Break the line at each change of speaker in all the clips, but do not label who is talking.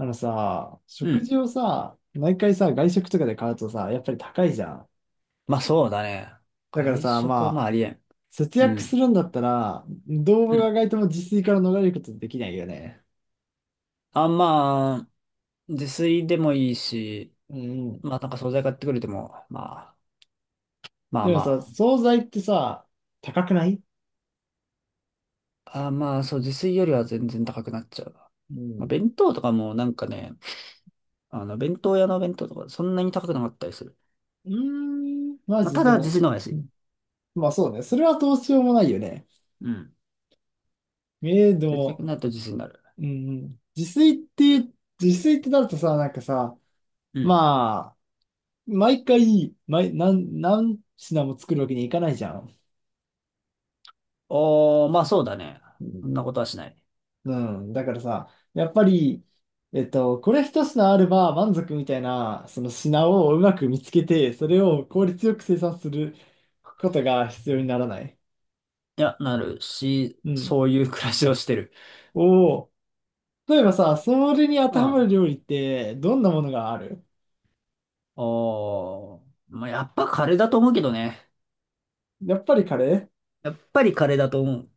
あのさ、
う
食
ん。
事をさ、毎回さ、外食とかで買うとさ、やっぱり高いじゃん。
まあそうだね。
だから
外
さ、
食は
ま
まあ
あ、
ありえん。
節
う
約す
ん。
るんだったら、動
う
物が
ん。
外とも自炊から逃れることできないよね。
あ、まあ、自炊でもいいし、
うんうん。
まあなんか惣菜買ってくれても、まあ、まあ
でもさ、
ま
惣菜ってさ、高くない？
あ。あ、まあそう、自炊よりは全然高くなっちゃうな。
う
まあ
ん。
弁当とかもなんかね、あの弁当屋の弁当とかそんなに高くなかったりする。
うーん、マ
まあ
ジ
た
で
だ自
も、
炊の方が安い。
まあそうね。それはどうしようもないよね。
うん。
ええ、で
節約
も、
になると自炊になる。
うんうん。て、自炊ってなるとさ、なんかさ、
うん。
まあ、毎回、何品も作るわけにいかないじゃん。
おー、まあそうだね。
う
そ
ん、
んなことはしない。
うん。だからさ、やっぱり、これ一品あれば満足みたいな、その品をうまく見つけて、それを効率よく生産することが必要にならない。
いや、なるし、
うん。
そういう暮らしをしてる。
おお、例えばさ、それに当
う
てはま
ん。
る料理って、どんなものがある？
おー、まあ、やっぱカレーだと思うけどね。
やっぱりカレー？
やっぱりカレーだと思う。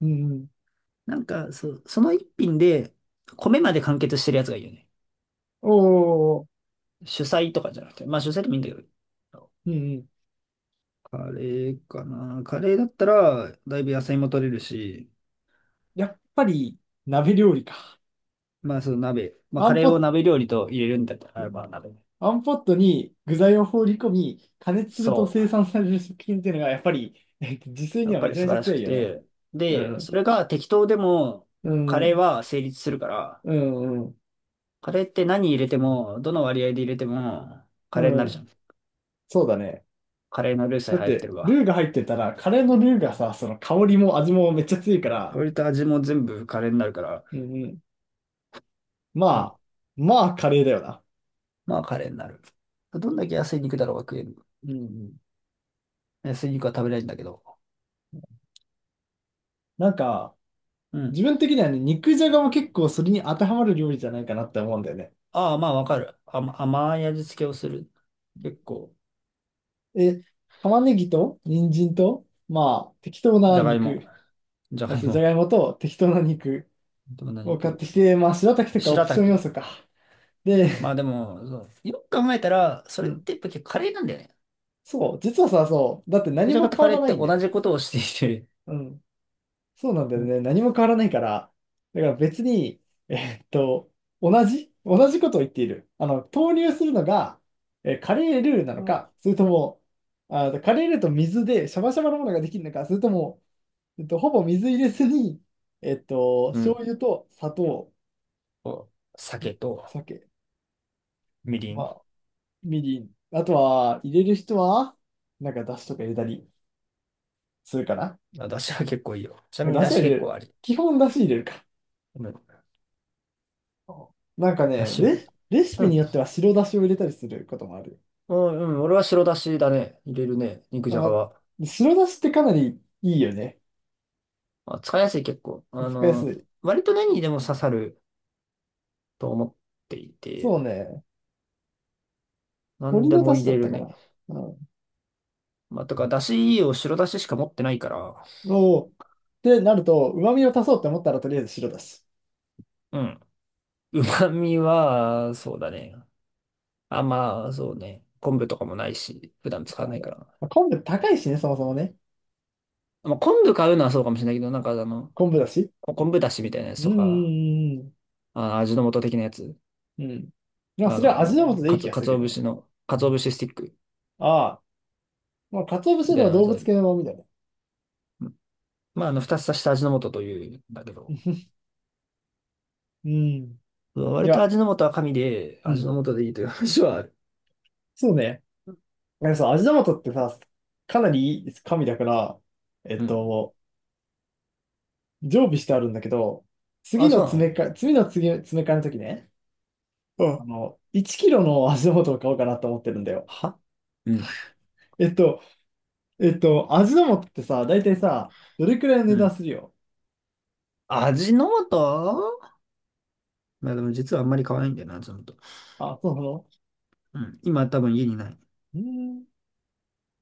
うんうん。
なんか、その一品で、米まで完結してるやつがいいよね。
おお、
主菜とかじゃなくて。まあ主菜でもいいんだけど。
うんうん。
カレーかな。カレーだったら、だいぶ野菜も取れるし、
やっぱり鍋料理か。
まあその鍋。まあ
ワ
カ
ン
レ
ポ
ー
ッ
を
ト、
鍋料理と入れるんだったら、まあ鍋。
ワンポットに具材を放り込み、加熱すると
そ
生産される食品っていうのが、やっぱり、自炊
う。や
に
っ
は
ぱ
め
り
ちゃ
素
めち
晴
ゃ
らし
強
く
いよね。
て。
う
で、そ
ん。
れが適当でも、
う
カレー
ん。
は成立するから、
うん。うん。
カレーって何入れても、どの割合で入れても、カ
う
レーになるじゃ
ん、
ん。
そうだね。
カレーのルーさえ
だっ
流行って
て、
るわ。
ルーが入ってたら、カレーのルーがさ、その香りも味もめっちゃ強いから、
割と味も全部カレーになるから、
うんうん。
そう
まあ、まあ、カレーだよな。
まあカレーになる。どんだけ安い肉だろうが食える。
うんうん。
安い肉は食べれないんだけど。
なんか、
うん。
自分的にはね、肉じゃがも結構それに当てはまる料理じゃないかなって思うんだよね。
ああ、まあわかる。甘い味付けをする。結構、
え、玉ねぎと、人参と、まあ、適当
じ
な
ゃがいも。
肉。
じゃ
ま
がい
ずじゃ
も。
がいもと適当な肉
どんな
を買っ
肉
てきて、まあ、白滝とかオ
白
プション要
滝。
素か。
ま
で、
あでも、そうよく考えたら、そ
う
れっ
ん。
てやっぱ結構カレーなんだよね。
そう、実はさ、そう、だって
肉
何
じゃが
も
と
変
カ
わ
レー
ら
っ
な
て
いんだ
同
よ。
じことをしていて、
うん。そうなんだ
う
よ
ん
ね。何も変わらないから。だから別に、えーっと、同じことを言っている。投入するのが、カレールーなのか、それとも、カレールーと水でシャバシャバのものができるのか、それとも、ほぼ水入れずに、
うん。
醤油と砂糖、
こう酒と
酒。
みり
ま
ん。
あみりん。あとは、入れる人は、なんか、だしとか入れたりするかな。
まあ、だしは結構いいよ。ちなみに
だし
だ
は
し
入れ
結構
る。
あり。
基本だし入れるか。
うん
なんか
だ
ね、
しはいい。
レシ
う
ピに
ん。
よっては白だしを入れたりすることもある。
うん、うん俺は白だしだね。入れるね。肉
あ、
じゃが
ま、
は。
白だしってかなりいいよね。
まあ、使いやすい結構。あ
使いやす
の、
い。
割と何にでも刺さると思ってい
そう
て、
ね。
何
鶏
で
の
も
だ
入
しだ
れ
った
る
か
ね。
な。うん。
まあ、とか、だしを白だししか持ってないから、
おーってなると、旨味を足そうって思ったら、とりあえず白だし。
うん。旨味は、そうだね。あ、まあ、そうね。昆布とかもないし、普段使
な
わ
る
な
ほ
い
ど。
から。
まあ、昆布高いしね、そもそもね。
まあ、昆布買うのはそうかもしれないけど、なんかあの、
昆布だし。
昆布だしみたいなや
う
つ
ん
とか、
うん
あ、味の素的なやつ。
うんうん。うん。まあ、
あ
それは味の素
の、
でいい気がす
か
る
つ
け
お
どね。
節の、かつお節スティック。
ああ、まあ、鰹節で
で、
は動
じゃあ
物系のみたいな。
まあ、あの、2つ足した味の素というんだけど、
うん。い
割と
や、
味の素は神で、
う
味
ん。
の素でいいという話はある。
そうね。なんかさ、味玉とってさ、かなりいい神だから、えっ
うん。
と、常備してあるんだけど、次
あ、
の
そうな
詰め
の
替え、次の次、詰め替えの時ね、
うん
1キロの味の素を買おうかなと思ってるんだよ。
はうん。
えっと、味玉ってさ、大体さ、どれくらいの
う
値段
ん。
するよ。
味の素まあでも実はあんまり買わないんだよな、味の素。
あ、そうなの？
うん。今多分家にない。
うーん。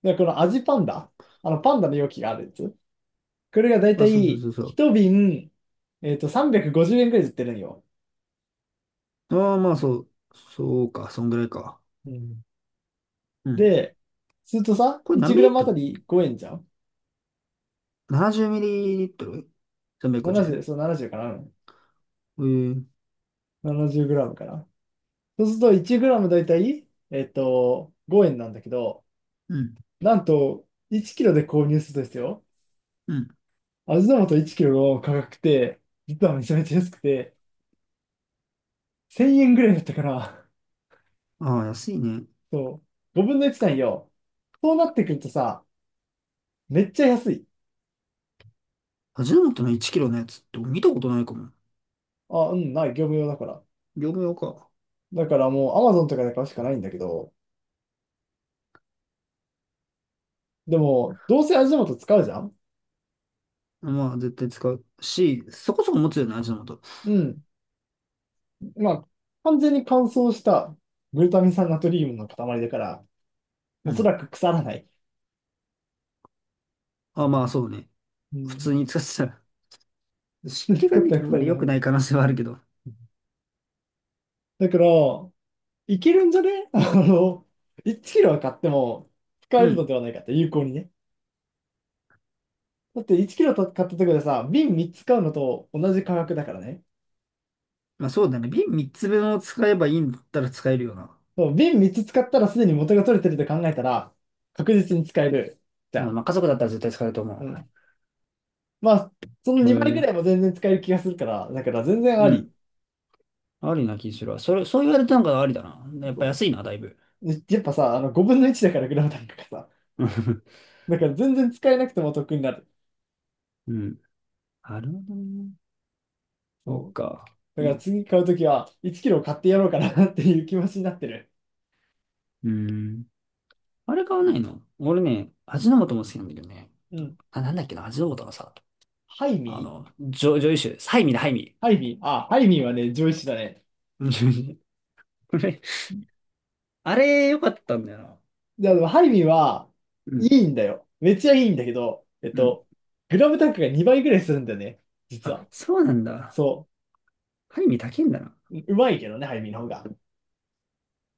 で、この味パンダ、パンダの容器があるやつ。これがだいた
あ、そうそう
い
そうそ
一瓶、350円くごじゅうえんくらいで売ってるんよ。
う。ああ、まあそう。そうか、そんぐらいか。
うん。
うん。
で、するとさ、
これ何ミリリ
1g
ッ
あ
ト
た
ル
り5円じゃん？
?70 ミリリットル ?350
70、
円
そう70かな。うん。
えー、
70gかな。そうすると 1g だいたい、5円なんだけど、
うん。
なんと、1キロで購入するとですよ、
うん。
味の素1キロの価格って、実はめちゃめちゃ安くて、1000円ぐらいだったから、
ああ、安いね。
そう、5分の1なんよ。そうなってくるとさ、めっちゃ安い。
味の素の1キロのやつって見たことないかも。
あ、うん、ない、業務用だから。
業務用か。
だからもう Amazon とかで買うしかないんだけど、でも、どうせ味の素使うじゃん？
まあ、絶対使うし、そこそこ持つよね、味の素。
うん。まあ、完全に乾燥したグルタミン酸ナトリウムの塊だから、お
う
そ
ん。
らく腐らない。
あ、まあ、そうね。
う
普
ん。
通に使ってたら、湿 気が
作っ
ね、
たら
あん
腐
ま
ら
り良
な
く
い。
ない可能性はあるけど。
だから、いけるんじゃね？ 1キロは買っても使
う
えるの
ん。
ではないかって、有効にね。だって1キロ買ったところでさ、瓶3つ買うのと同じ価格だからね。
まあ、そうだね。瓶3つ分を使えばいいんだったら使えるよな。
そう、瓶3つ使ったらすでに元が取れてると考えたら、確実に使えるじゃ
うん、
ん。
まあ、家族だったら絶対使えると思
うん。まあ、その
う。へ
2倍ぐらいも
え。
全然使える気がするから、だから全然
う
あり。
ん。ありな気するわ。それ、そう言われたのがありだな。やっぱ
そ
安いな、だいぶ。
う。ね、やっぱさ、あの5分の1だからグラム単価がさ。だから全然使えなくても得になる。
うん。なるほどね。そっ
そう。
か。
だか
い
ら
い。
次買うときは1キロ買ってやろうかなっていう気持ちになってる。
うん。あれ買わないの俺ね、味の素も好きなんだけどね。
うん。
あ、なんだっけな、味の素のさ。
ハイ
あ
ミー。
の、女優集です。はいみんな、はいみ。
ハイミー、あ、ハイミーはね、上位種だね。
あれ、良かったんだよな。
いや、でもハイミーは
う
い
ん。
いんだよ。めっちゃいいんだけど、
うん。
グラム単価が2倍ぐらいするんだよね。実
あ、
は。
そうなんだ。
そ
ハイミ高いんだな。
う。うまいけどね、ハイミーの方が。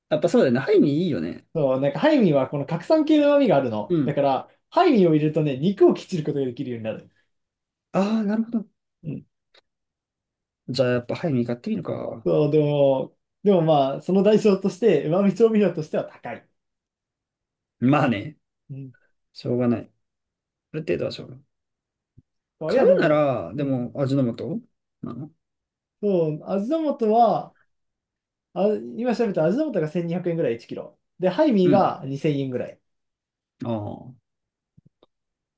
やっぱそうだよね。ハイミいいよね。
そう、なんかハイミーはこの核酸系の旨味がある
う
の。だか
ん。
ら、ハイミーを入れるとね、肉をきっちることができるようになる。
ああ、なるほど。
うん。
じゃあやっぱハイミ買ってみるか。
そう、でもまあ、その代償として、旨味調味料としては高い。
まあね。
うん。
しょうがない。ある程度はしょうがない。
そうい
買
や、で
うな
も、
ら、
う
でも、
ん。
味の素なの
そう、味の素は、あ、今調べたら味の素が1200円ぐらい1キロ。で、ハイミー
うん。
が2000円ぐらい。
ああ、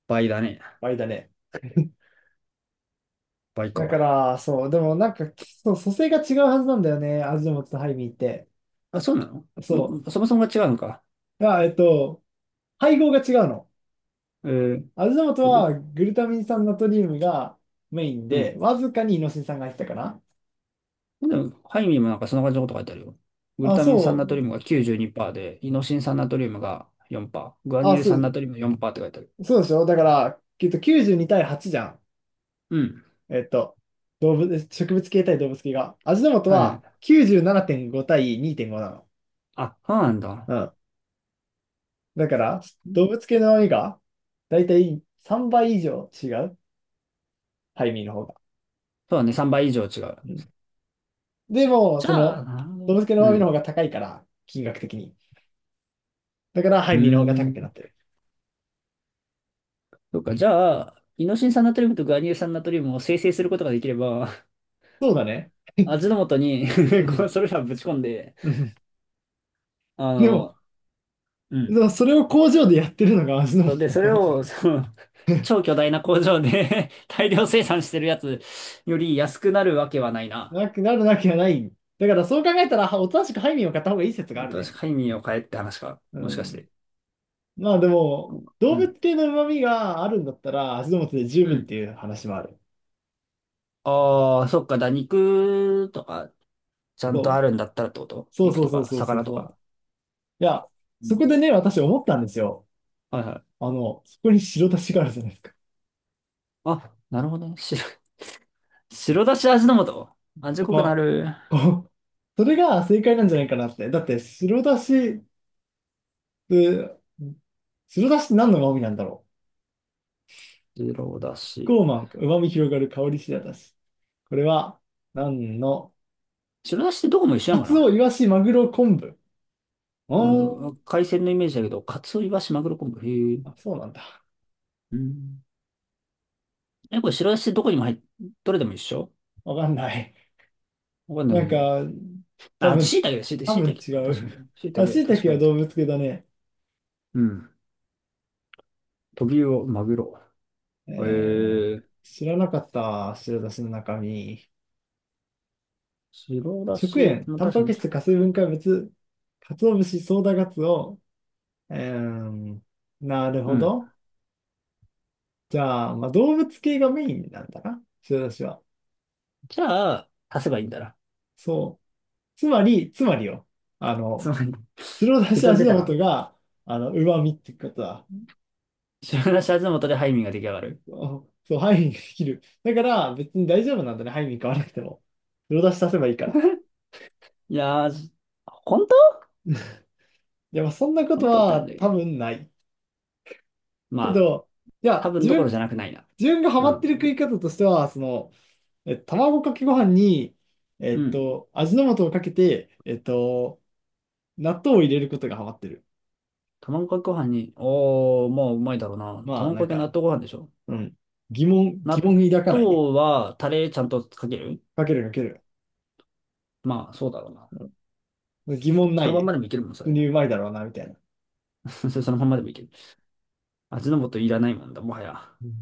倍だね。
倍だね。
倍
だか
か。
ら、そう、でもなんか、そう、組成が違うはずなんだよね、味の素とハイミーって。
あ、そうなの
そ
も、そもそもが違うのか。
う。あ、配合が違うの。
えー、
味の
グ
素
ル、
はグルタミン酸ナトリウムがメイン
う
で、
ん。
わずかにイノシン酸が入ってたかな。
でも、ハイミーもなんかそんな感じのこと書いてあるよ。グル
あ、
タミン酸
そ
ナト
う。
リウムが92%で、イノシン酸ナトリウムが4%、グア
あ、
ニル
そ
酸ナ
う、
トリウム4%って書いてある。
そうでしょ？だから、きっと92対8じゃん。
うん。
えっと、動物、植物系対動物系が。味の素
はいは
は
い。
97.5対2.5なの。
あ、そうなんだ。
うん。だから、
う
動
ん
物系の味が、だいたい3倍以上違う。ハイミーの方が。
そうだね、3倍以上違う。
うん。でも、
じゃあ、なるほど
動
ね。
物系の
う
旨味の方
ん。
が高いから、金額的に。だから、ハ
う
イミーの方が
ー
高くな
ん。
ってる。
そうか、じゃあ、イノシン酸ナトリウムとグアニル酸ナトリウムを生成することができれば、
そうだね。
味の素に
う
こ
ん
うそれらをぶち込んで、
うん。
あ
でも、
の、う
で
ん。
もそれを工場でやってるのが味の
そう
素
で、
だ
そ
と
れ
思う。
を、その、超 巨大な工場で 大量生産してるやつより安くなるわけはないな。
なくなるわけはない。だからそう考えたら、はおとなしくハイミンを買った方がいい説がある
確
ね。
かに身を変えって話か。
う
もしかし
ん。
て。
まあでも、動
う
物
ん。
系の旨味があるんだったら、味の素で十
う
分っ
ん。
ていう話もある。
ああ、そっか、肉とか、ちゃんとあ
そう。
るんだったらってこと
そう
肉
そう
と
そう
か、
そうそう
魚と
そ
か。
う。いや、
う
そ
ん
こでね、私思ったんですよ。
はいはい。
そこに白だしがあるじゃないですか。
あ、なるほどね。白、白だし味の素。味
やっ
濃くな
ぱ、
る。
こう、それが正解なんじゃないかなって。だって、て、白だしって何の旨味なんだろう。
白だし。
ゴーマン、旨味広がる香りしらたし。これは、何の、
白だしってどこも一緒
カ
やんか
ツオ、イ
な。
ワシ、マグロ、昆布。
あ
おー。
の、海鮮のイメージだけど、カツオ、イワシ、マグロ、昆布。へえ。
あ、そうなんだ。
うん。え、これ白だしどこにも入っ、どれでも一緒
わかんない。
わかんない
なん
ね。
か、多
あ、あと
分、
椎茸だ、椎茸、
多
椎
分
茸。
違
あ、確か
う。
に。椎
あ、
茸、
椎
確
茸
か
は
に。
動物系だね。
うん。トビウオ、マグロ。え
えー、
ー、
知らなかった。白だしの中身。
白だ
食
し、
塩、
まあ、
タン
確か
パク
に。
質、化成分解物、鰹節、ソーダガツオ。えー、なる
う
ほ
ん。
ど。じゃあ、まあ、動物系がメインなんだな。白だしは。
じゃあ、足せばいいんだな。
そう。つまりよ、あ
つ
の、
まり、
白だし
結論
味
出た
の素
な。
が、旨味ってことは。
白だし味の素でハイミーが出来上がる。
あ、そう、ハイミングできる。だから、別に大丈夫なんだね、ハイミング買わなくても。白だし足せばいいから。
いやー、本当
いや、まあ、そんなこと
本当って
は
感じだけ
多
ど。
分ない。け
まあ、
ど、い
多
や、
分
自
どころ
分、
じゃなくないな。
自分がハ
う
マってる食
ん。
い方としては、卵かけご飯に、
うん。
味の素をかけて、納豆を入れることがハマってる。
卵かけご飯に、おー、まあ、うまいだろうな。
まあ、
卵
なん
かけ納
か、
豆ご飯でしょ
うん、疑問、疑
納
問抱かないね。
豆はタレちゃんとかける
かけるかける。
まあ、そうだろうな。
疑問な
そ
い
のまん
ね。
までもいけるもん、そ
普通
れ。
にうまいだろうな、みたいな。
そのまんまでもいける。味の素いらないもんだ、もはや。
うん。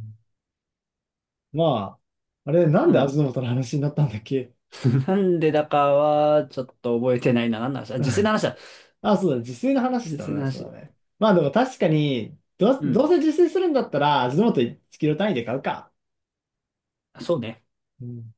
まあ、あれ、なん
う
で味
ん。
の素の話になったんだっけ？
なんでだかは、ちょっと覚えてないな。何の話だ自炊の 話だ。
あ、そうだ、自炊の話し
自
た
炊の
ね、そうだ
話。
ね。まあでも確かに、
う
ど
ん。
うせ自炊するんだったら、味の素1キロ単位で買うか。
そうね。
うん